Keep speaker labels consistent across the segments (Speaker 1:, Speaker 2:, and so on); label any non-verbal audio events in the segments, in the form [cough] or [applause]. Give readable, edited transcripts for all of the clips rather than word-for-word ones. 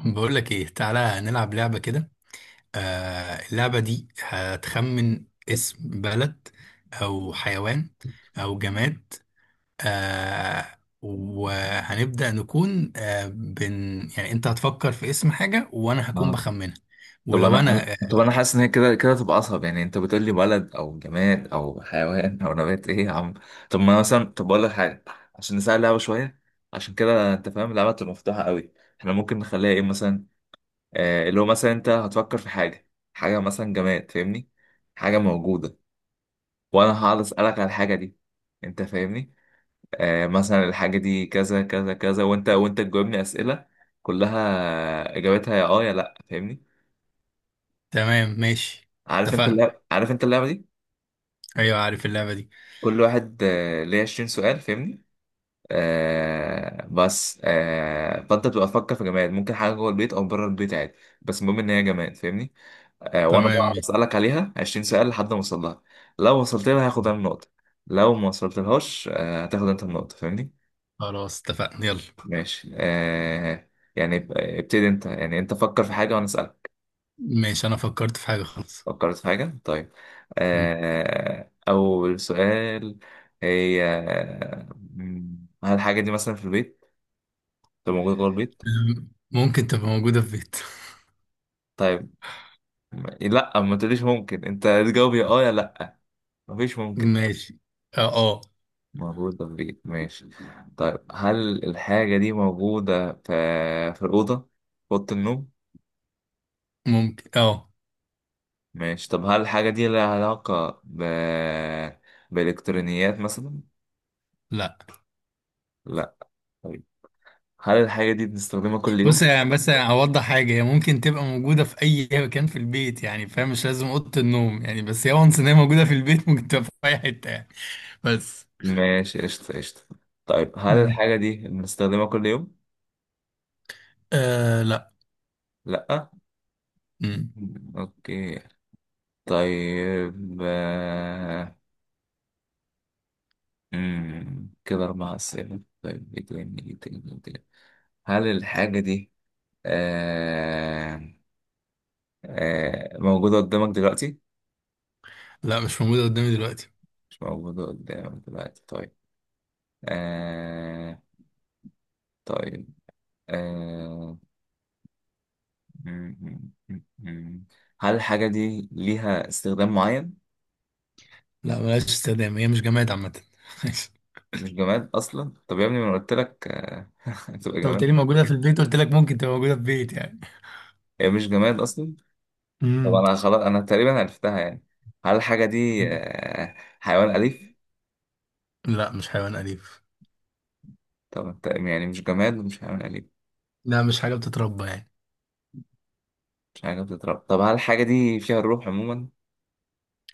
Speaker 1: بقول لك ايه، تعالى نلعب لعبة كده. اللعبة دي هتخمن اسم بلد او حيوان او جماد. وهنبدأ نكون آه بن يعني انت هتفكر في اسم حاجة وانا هكون
Speaker 2: اه
Speaker 1: بخمنها.
Speaker 2: طب
Speaker 1: ولو انا
Speaker 2: طب انا حاسس ان هي كده كده تبقى اصعب، يعني انت بتقول لي بلد او جماد او حيوان او نبات، ايه يا عم؟ طب ما أنا مثلا، طب اقول لك حاجه عشان نسال اللعبه شويه، عشان كده انت فاهم اللعبه تبقى مفتوحه قوي. احنا ممكن نخليها ايه مثلا؟ اللي هو مثلا انت هتفكر في حاجه، حاجه مثلا جماد فاهمني، حاجه موجوده، وانا هقعد اسالك على الحاجه دي. انت فاهمني؟ مثلا الحاجه دي كذا كذا كذا، وانت تجاوبني اسئله كلها اجابتها يا يا لا، فاهمني؟
Speaker 1: تمام ماشي.
Speaker 2: عارف انت
Speaker 1: اتفقنا.
Speaker 2: اللعبه دي،
Speaker 1: ايوه عارف اللعبة دي.
Speaker 2: كل واحد ليه 20 سؤال فاهمني. بس فانت بتبقى تفكر في جماد، ممكن حاجه جوه البيت او بره البيت عادي، بس المهم ان هي جماد فاهمني. وانا
Speaker 1: تمام
Speaker 2: بقى
Speaker 1: ماشي.
Speaker 2: بسالك عليها 20 سؤال لحد ما اوصل لها. لو وصلت لها هاخد انا النقطه، لو ما وصلت لهاش هتاخد انت النقطه فاهمني.
Speaker 1: خلاص اتفقنا يلا.
Speaker 2: ماشي يعني ابتدي انت، يعني انت فكر في حاجه وانا اسالك.
Speaker 1: ماشي، انا فكرت في حاجة خلاص.
Speaker 2: فكرت في حاجة؟ طيب.
Speaker 1: مم.
Speaker 2: أول سؤال. هي هل الحاجة دي مثلا في البيت؟ طب موجودة جوه البيت؟
Speaker 1: ممكن تبقى موجودة في بيت.
Speaker 2: طيب. لا، ما تقوليش ممكن، أنت تجاوب يا يا لأ، مفيش
Speaker 1: [laughs]
Speaker 2: ممكن.
Speaker 1: ماشي. اه اه.
Speaker 2: موجودة في البيت ماشي. طيب هل الحاجة دي موجودة في الأوضة؟ في أوضة النوم؟
Speaker 1: ممكن اه.
Speaker 2: ماشي. طب هل الحاجة دي لها علاقة ب بإلكترونيات مثلا؟
Speaker 1: لا.
Speaker 2: لأ، طيب. هل الحاجة دي بنستخدمها كل
Speaker 1: بص
Speaker 2: يوم؟
Speaker 1: يعني بس اوضح حاجه، هي ممكن تبقى موجوده في اي مكان في البيت يعني، فاهم؟ مش لازم اوضه النوم يعني، بس هي وانس ان هي موجوده في البيت [laughs] ممكن تبقى في اي حته يعني. بس.
Speaker 2: ماشي قشطة قشطة. طيب هل
Speaker 1: امم
Speaker 2: الحاجة دي بنستخدمها كل يوم؟
Speaker 1: لا.
Speaker 2: لأ،
Speaker 1: امم
Speaker 2: أوكي. طيب كده أربع أسئلة. طيب إيه تاني إيه تاني إيه تاني، هل الحاجة دي آه موجودة قدامك دلوقتي؟
Speaker 1: لا مش موجوده قدامي دلوقتي.
Speaker 2: مش موجودة قدامك دلوقتي طيب. آه طيب آه مم، مم، مم، مم. هل الحاجة دي ليها استخدام معين؟
Speaker 1: لا بلاش استخدام، هي مش جماد عامه. [laughs]
Speaker 2: مش جماد اصلا؟ طب يا ابني، ما أنا قلت لك [laughs] هتبقى
Speaker 1: انت قلت لي
Speaker 2: جماد.
Speaker 1: موجوده في البيت، قلت لك ممكن تبقى موجوده في بيت يعني.
Speaker 2: هي مش جماد اصلا. طب
Speaker 1: امم
Speaker 2: انا خلاص انا تقريبا عرفتها يعني. هل الحاجه دي حيوان اليف؟
Speaker 1: لا مش حيوان اليف.
Speaker 2: طب يعني مش جماد ومش حيوان اليف؟
Speaker 1: لا مش حاجه بتتربى يعني.
Speaker 2: مش حاجه بتتربى. طب هل الحاجه دي فيها الروح عموما؟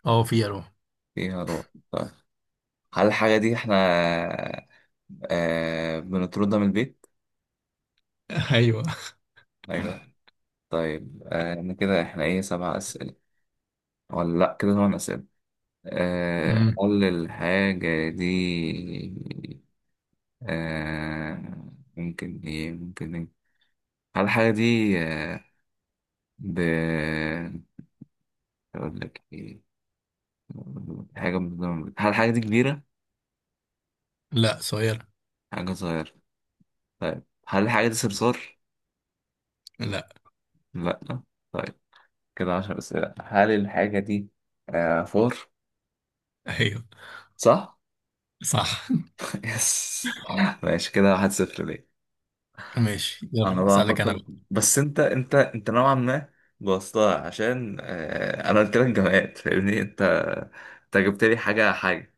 Speaker 1: اه في اروح.
Speaker 2: فيها روح طيب. هل الحاجه دي احنا بنطردها من البيت؟
Speaker 1: [laughs] ايوه.
Speaker 2: ايوه طيب. انا كده احنا ايه سبع اسئله ولا لا كده ثمان اسئله.
Speaker 1: امم
Speaker 2: قول الحاجة دي آه ممكن ايه ممكن ايه. هل الحاجة دي آه ب اقول لك ايه، هل الحاجة دي كبيرة؟
Speaker 1: لا صغير.
Speaker 2: حاجة صغيرة طيب. هل الحاجة دي صرصار؟
Speaker 1: لا.
Speaker 2: لا، طيب. كده عشر أسئلة. هل الحاجة دي فور؟
Speaker 1: ايوه
Speaker 2: صح؟
Speaker 1: صح.
Speaker 2: [laughs] يس، ماشي كده واحد صفر ليه.
Speaker 1: ماشي
Speaker 2: انا
Speaker 1: يلا،
Speaker 2: بقى
Speaker 1: اسالك انا
Speaker 2: افكر،
Speaker 1: بقى.
Speaker 2: بس انت نوعا ما بوظتها، عشان انا قلت لك جماد فاهمني، انت انت جبت لي حاجة حاجة.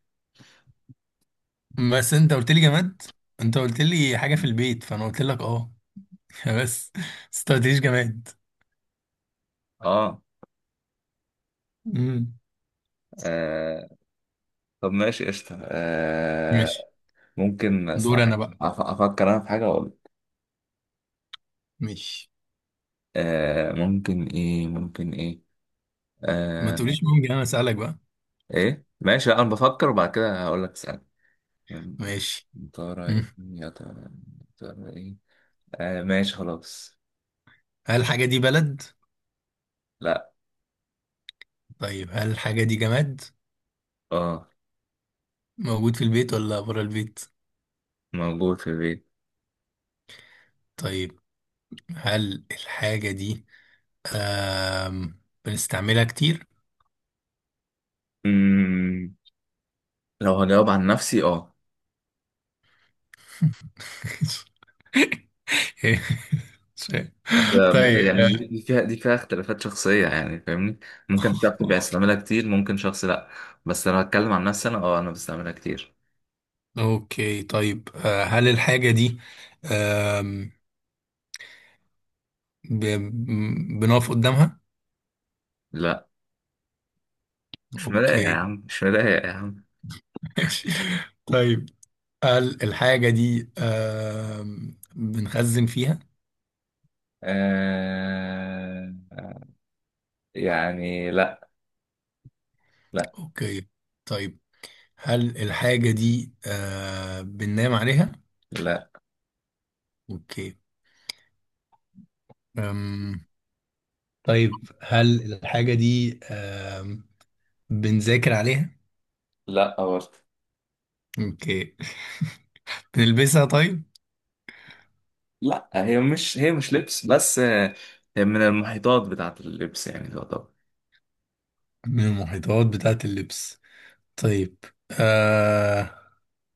Speaker 1: بس انت قلت لي جماد، انت قلت لي حاجه في البيت، فانا قلت لك اه. [laughs] بس. بس انت ما قلتليش جماد.
Speaker 2: اه
Speaker 1: امم
Speaker 2: آه، طب ماشي قشطة
Speaker 1: ماشي.
Speaker 2: ممكن
Speaker 1: دور انا بقى.
Speaker 2: أفكر أنا في حاجة أقول.
Speaker 1: ماشي،
Speaker 2: ممكن إيه ممكن إيه
Speaker 1: ما
Speaker 2: آه،
Speaker 1: تقوليش ممكن، انا اسالك بقى.
Speaker 2: إيه ماشي لأ، أنا بفكر وبعد كده هقول لك اسأل.
Speaker 1: ماشي.
Speaker 2: يا ترى
Speaker 1: مم.
Speaker 2: إيه يا ترى، يا ترى إيه ماشي خلاص.
Speaker 1: هل الحاجه دي بلد؟
Speaker 2: لأ.
Speaker 1: طيب هل الحاجه دي جماد؟
Speaker 2: أه
Speaker 1: موجود في البيت ولا بره البيت؟
Speaker 2: موجود في البيت.
Speaker 1: طيب هل الحاجه دي بنستعملها كتير؟
Speaker 2: مم، لو هجاوب عن نفسي أه
Speaker 1: [laughs] مش عارف.
Speaker 2: أصل،
Speaker 1: طيب
Speaker 2: يعني دي فيها اختلافات شخصية يعني فاهمني، ممكن شخص
Speaker 1: آه،
Speaker 2: بيستعملها كتير ممكن شخص لأ. بس أنا بتكلم عن نفسي، أنا أه أنا بستعملها كتير.
Speaker 1: اوكي. طيب هل الحاجة دي آم، ب- بنقف قدامها؟
Speaker 2: لأ، مش مضايق يا
Speaker 1: اوكي.
Speaker 2: عم، مش مضايق يا عم.
Speaker 1: [laughs] ماشي. طيب هل الحاجة دي بنخزن فيها؟
Speaker 2: آه يعني لأ. لأ.
Speaker 1: اوكي. طيب هل الحاجة دي بننام عليها؟
Speaker 2: لأ.
Speaker 1: اوكي. أم، طيب هل الحاجة دي بنذاكر عليها؟
Speaker 2: لأ برضه.
Speaker 1: اوكي. بنلبسها طيب؟
Speaker 2: لأ، هي مش لبس بس هي من المحيطات بتاعة اللبس يعني تعتبر.
Speaker 1: من المحيطات بتاعة اللبس؟ طيب آه...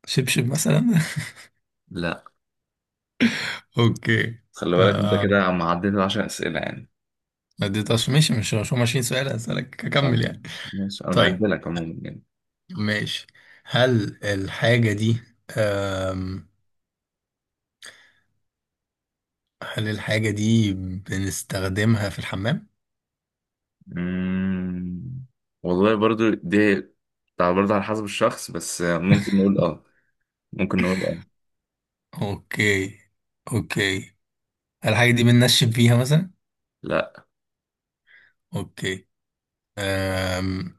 Speaker 1: شبشب مثلا؟
Speaker 2: لأ.
Speaker 1: [laughs] اوكي.
Speaker 2: خلي بالك أنت
Speaker 1: آه...
Speaker 2: كده عم عديت 10 أسئلة يعني.
Speaker 1: ما اديتهاش ماشي، مش هم 20 سؤال هسألك اكمل
Speaker 2: فم-
Speaker 1: يعني.
Speaker 2: ماشي، أنا
Speaker 1: طيب
Speaker 2: بعدلك عموما يعني.
Speaker 1: ماشي. هل الحاجة دي آم... هل الحاجة دي بنستخدمها في الحمام؟
Speaker 2: مم. والله برضو دي بتاع برضو على حسب الشخص، بس ممكن نقول اه، ممكن نقول اه.
Speaker 1: اوكي، اوكي. هل الحاجة دي بننشف فيها مثلا؟
Speaker 2: لا.
Speaker 1: اوكي. أم...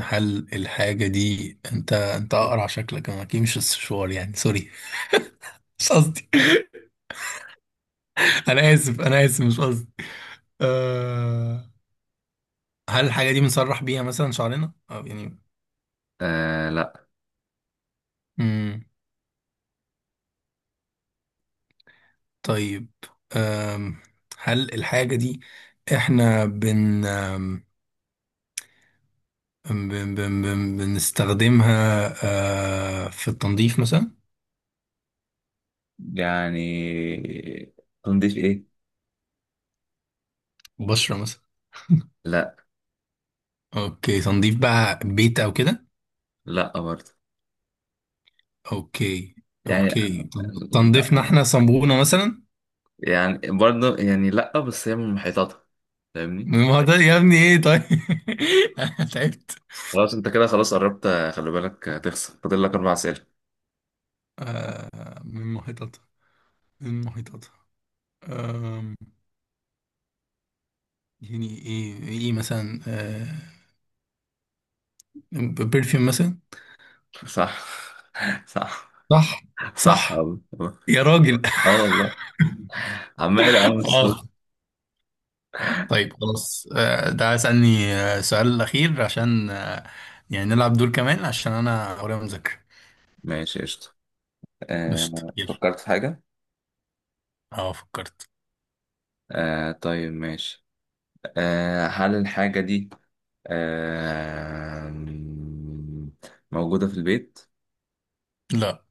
Speaker 1: هل الحاجة دي انت اقرع شكلك، انا اكيد مش السشوار يعني، سوري، مش قصدي. [laughs] انا اسف انا اسف مش قصدي. أه هل الحاجة دي بنسرح بيها مثلا شعرنا؟ أو يعني.
Speaker 2: لا.
Speaker 1: مم. طيب أم. هل الحاجة دي احنا بن أم، بن بن بن بنستخدمها أه في التنظيف مثلا؟
Speaker 2: يعني تنضيف ايه؟
Speaker 1: بشرة مثلا.
Speaker 2: لا.
Speaker 1: اوكي تنظيف بقى بيت او كده؟
Speaker 2: لا برضو
Speaker 1: اوكي،
Speaker 2: يعني.
Speaker 1: اوكي.
Speaker 2: لا
Speaker 1: تنظيفنا احنا، صنبونة مثلا؟
Speaker 2: يعني برضو يعني لا، بس هي من محيطاتها فاهمني.
Speaker 1: من محيطات يا ابني ايه طيب؟ [laughs] انا تعبت.
Speaker 2: خلاص انت كده خلاص قربت، خلي بالك هتخسر، فاضل لك اربع اسئله.
Speaker 1: أه من محيطاتها، من محيطاتها، يعني ايه؟ ايه مثلا؟ آه برفيوم مثلا؟
Speaker 2: صح [laughs] صح،
Speaker 1: صح.
Speaker 2: صح
Speaker 1: صح
Speaker 2: والله،
Speaker 1: يا راجل.
Speaker 2: اه والله،
Speaker 1: [laughs]
Speaker 2: عمال يا عم الصوت.
Speaker 1: اخ. طيب خلاص، ده اسألني السؤال الأخير عشان يعني نلعب دول كمان، عشان أنا ورايا مذاكرة
Speaker 2: ماشي قشطة.
Speaker 1: مش كتير.
Speaker 2: فكرت في حاجة.
Speaker 1: اه فكرت.
Speaker 2: طيب ماشي. هل الحاجة دي آه موجودة في البيت؟
Speaker 1: لا.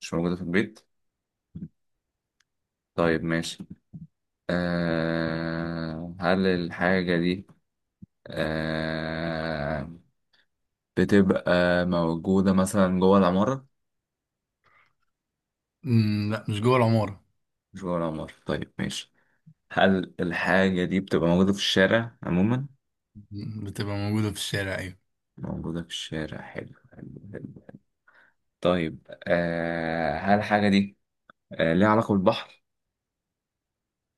Speaker 2: مش موجودة في البيت؟ طيب ماشي. هل الحاجة دي آه بتبقى موجودة مثلا جوه العمارة؟
Speaker 1: مم، لا مش جوه العمارة.
Speaker 2: مش جوه العمارة طيب ماشي. هل الحاجة دي بتبقى موجودة في الشارع عموما؟
Speaker 1: مم، بتبقى موجودة في الشارع أيوة.
Speaker 2: موجودة في الشارع، حلو حلو حلو. طيب هل الحاجة دي ليها علاقة بالبحر؟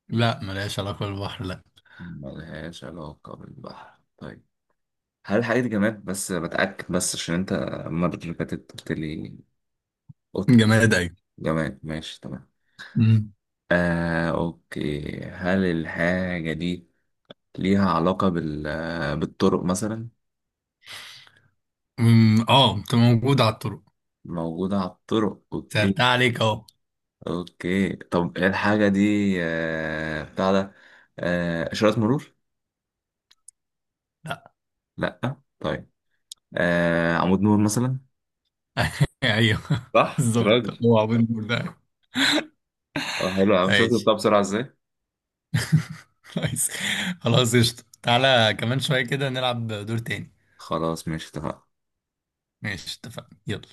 Speaker 1: لا ملهاش علاقة بالبحر، لا.
Speaker 2: ملهاش علاقة بالبحر طيب. هل الحاجة دي جماد؟ بس بتأكد، بس عشان أنت المرة اللي فاتت قلت لي قطة.
Speaker 1: جماد أيوة.
Speaker 2: جماد ماشي تمام.
Speaker 1: مم.
Speaker 2: أوكي، هل الحاجة دي ليها علاقة بالطرق مثلا؟
Speaker 1: مم، اه بتبقى موجودة على الطرق.
Speaker 2: موجودة على الطرق أوكي.
Speaker 1: سألتها عليك اهو.
Speaker 2: أوكي طب الحاجة دي آه بتاع ده آه إشارات مرور؟
Speaker 1: لا.
Speaker 2: لأ، طيب. عمود نور مثلا؟
Speaker 1: [laughs] ايوه.
Speaker 2: صح يا
Speaker 1: بالظبط،
Speaker 2: راجل.
Speaker 1: هو عبود بول ده.
Speaker 2: اه حلو، أنا مش شفت
Speaker 1: ماشي.
Speaker 2: بتاع بسرعة إزاي.
Speaker 1: كويس. خلاص قشطة، تعالى كمان شوية كده نلعب دور تاني.
Speaker 2: خلاص ماشي اتفقنا
Speaker 1: ماشي اتفقنا يلا.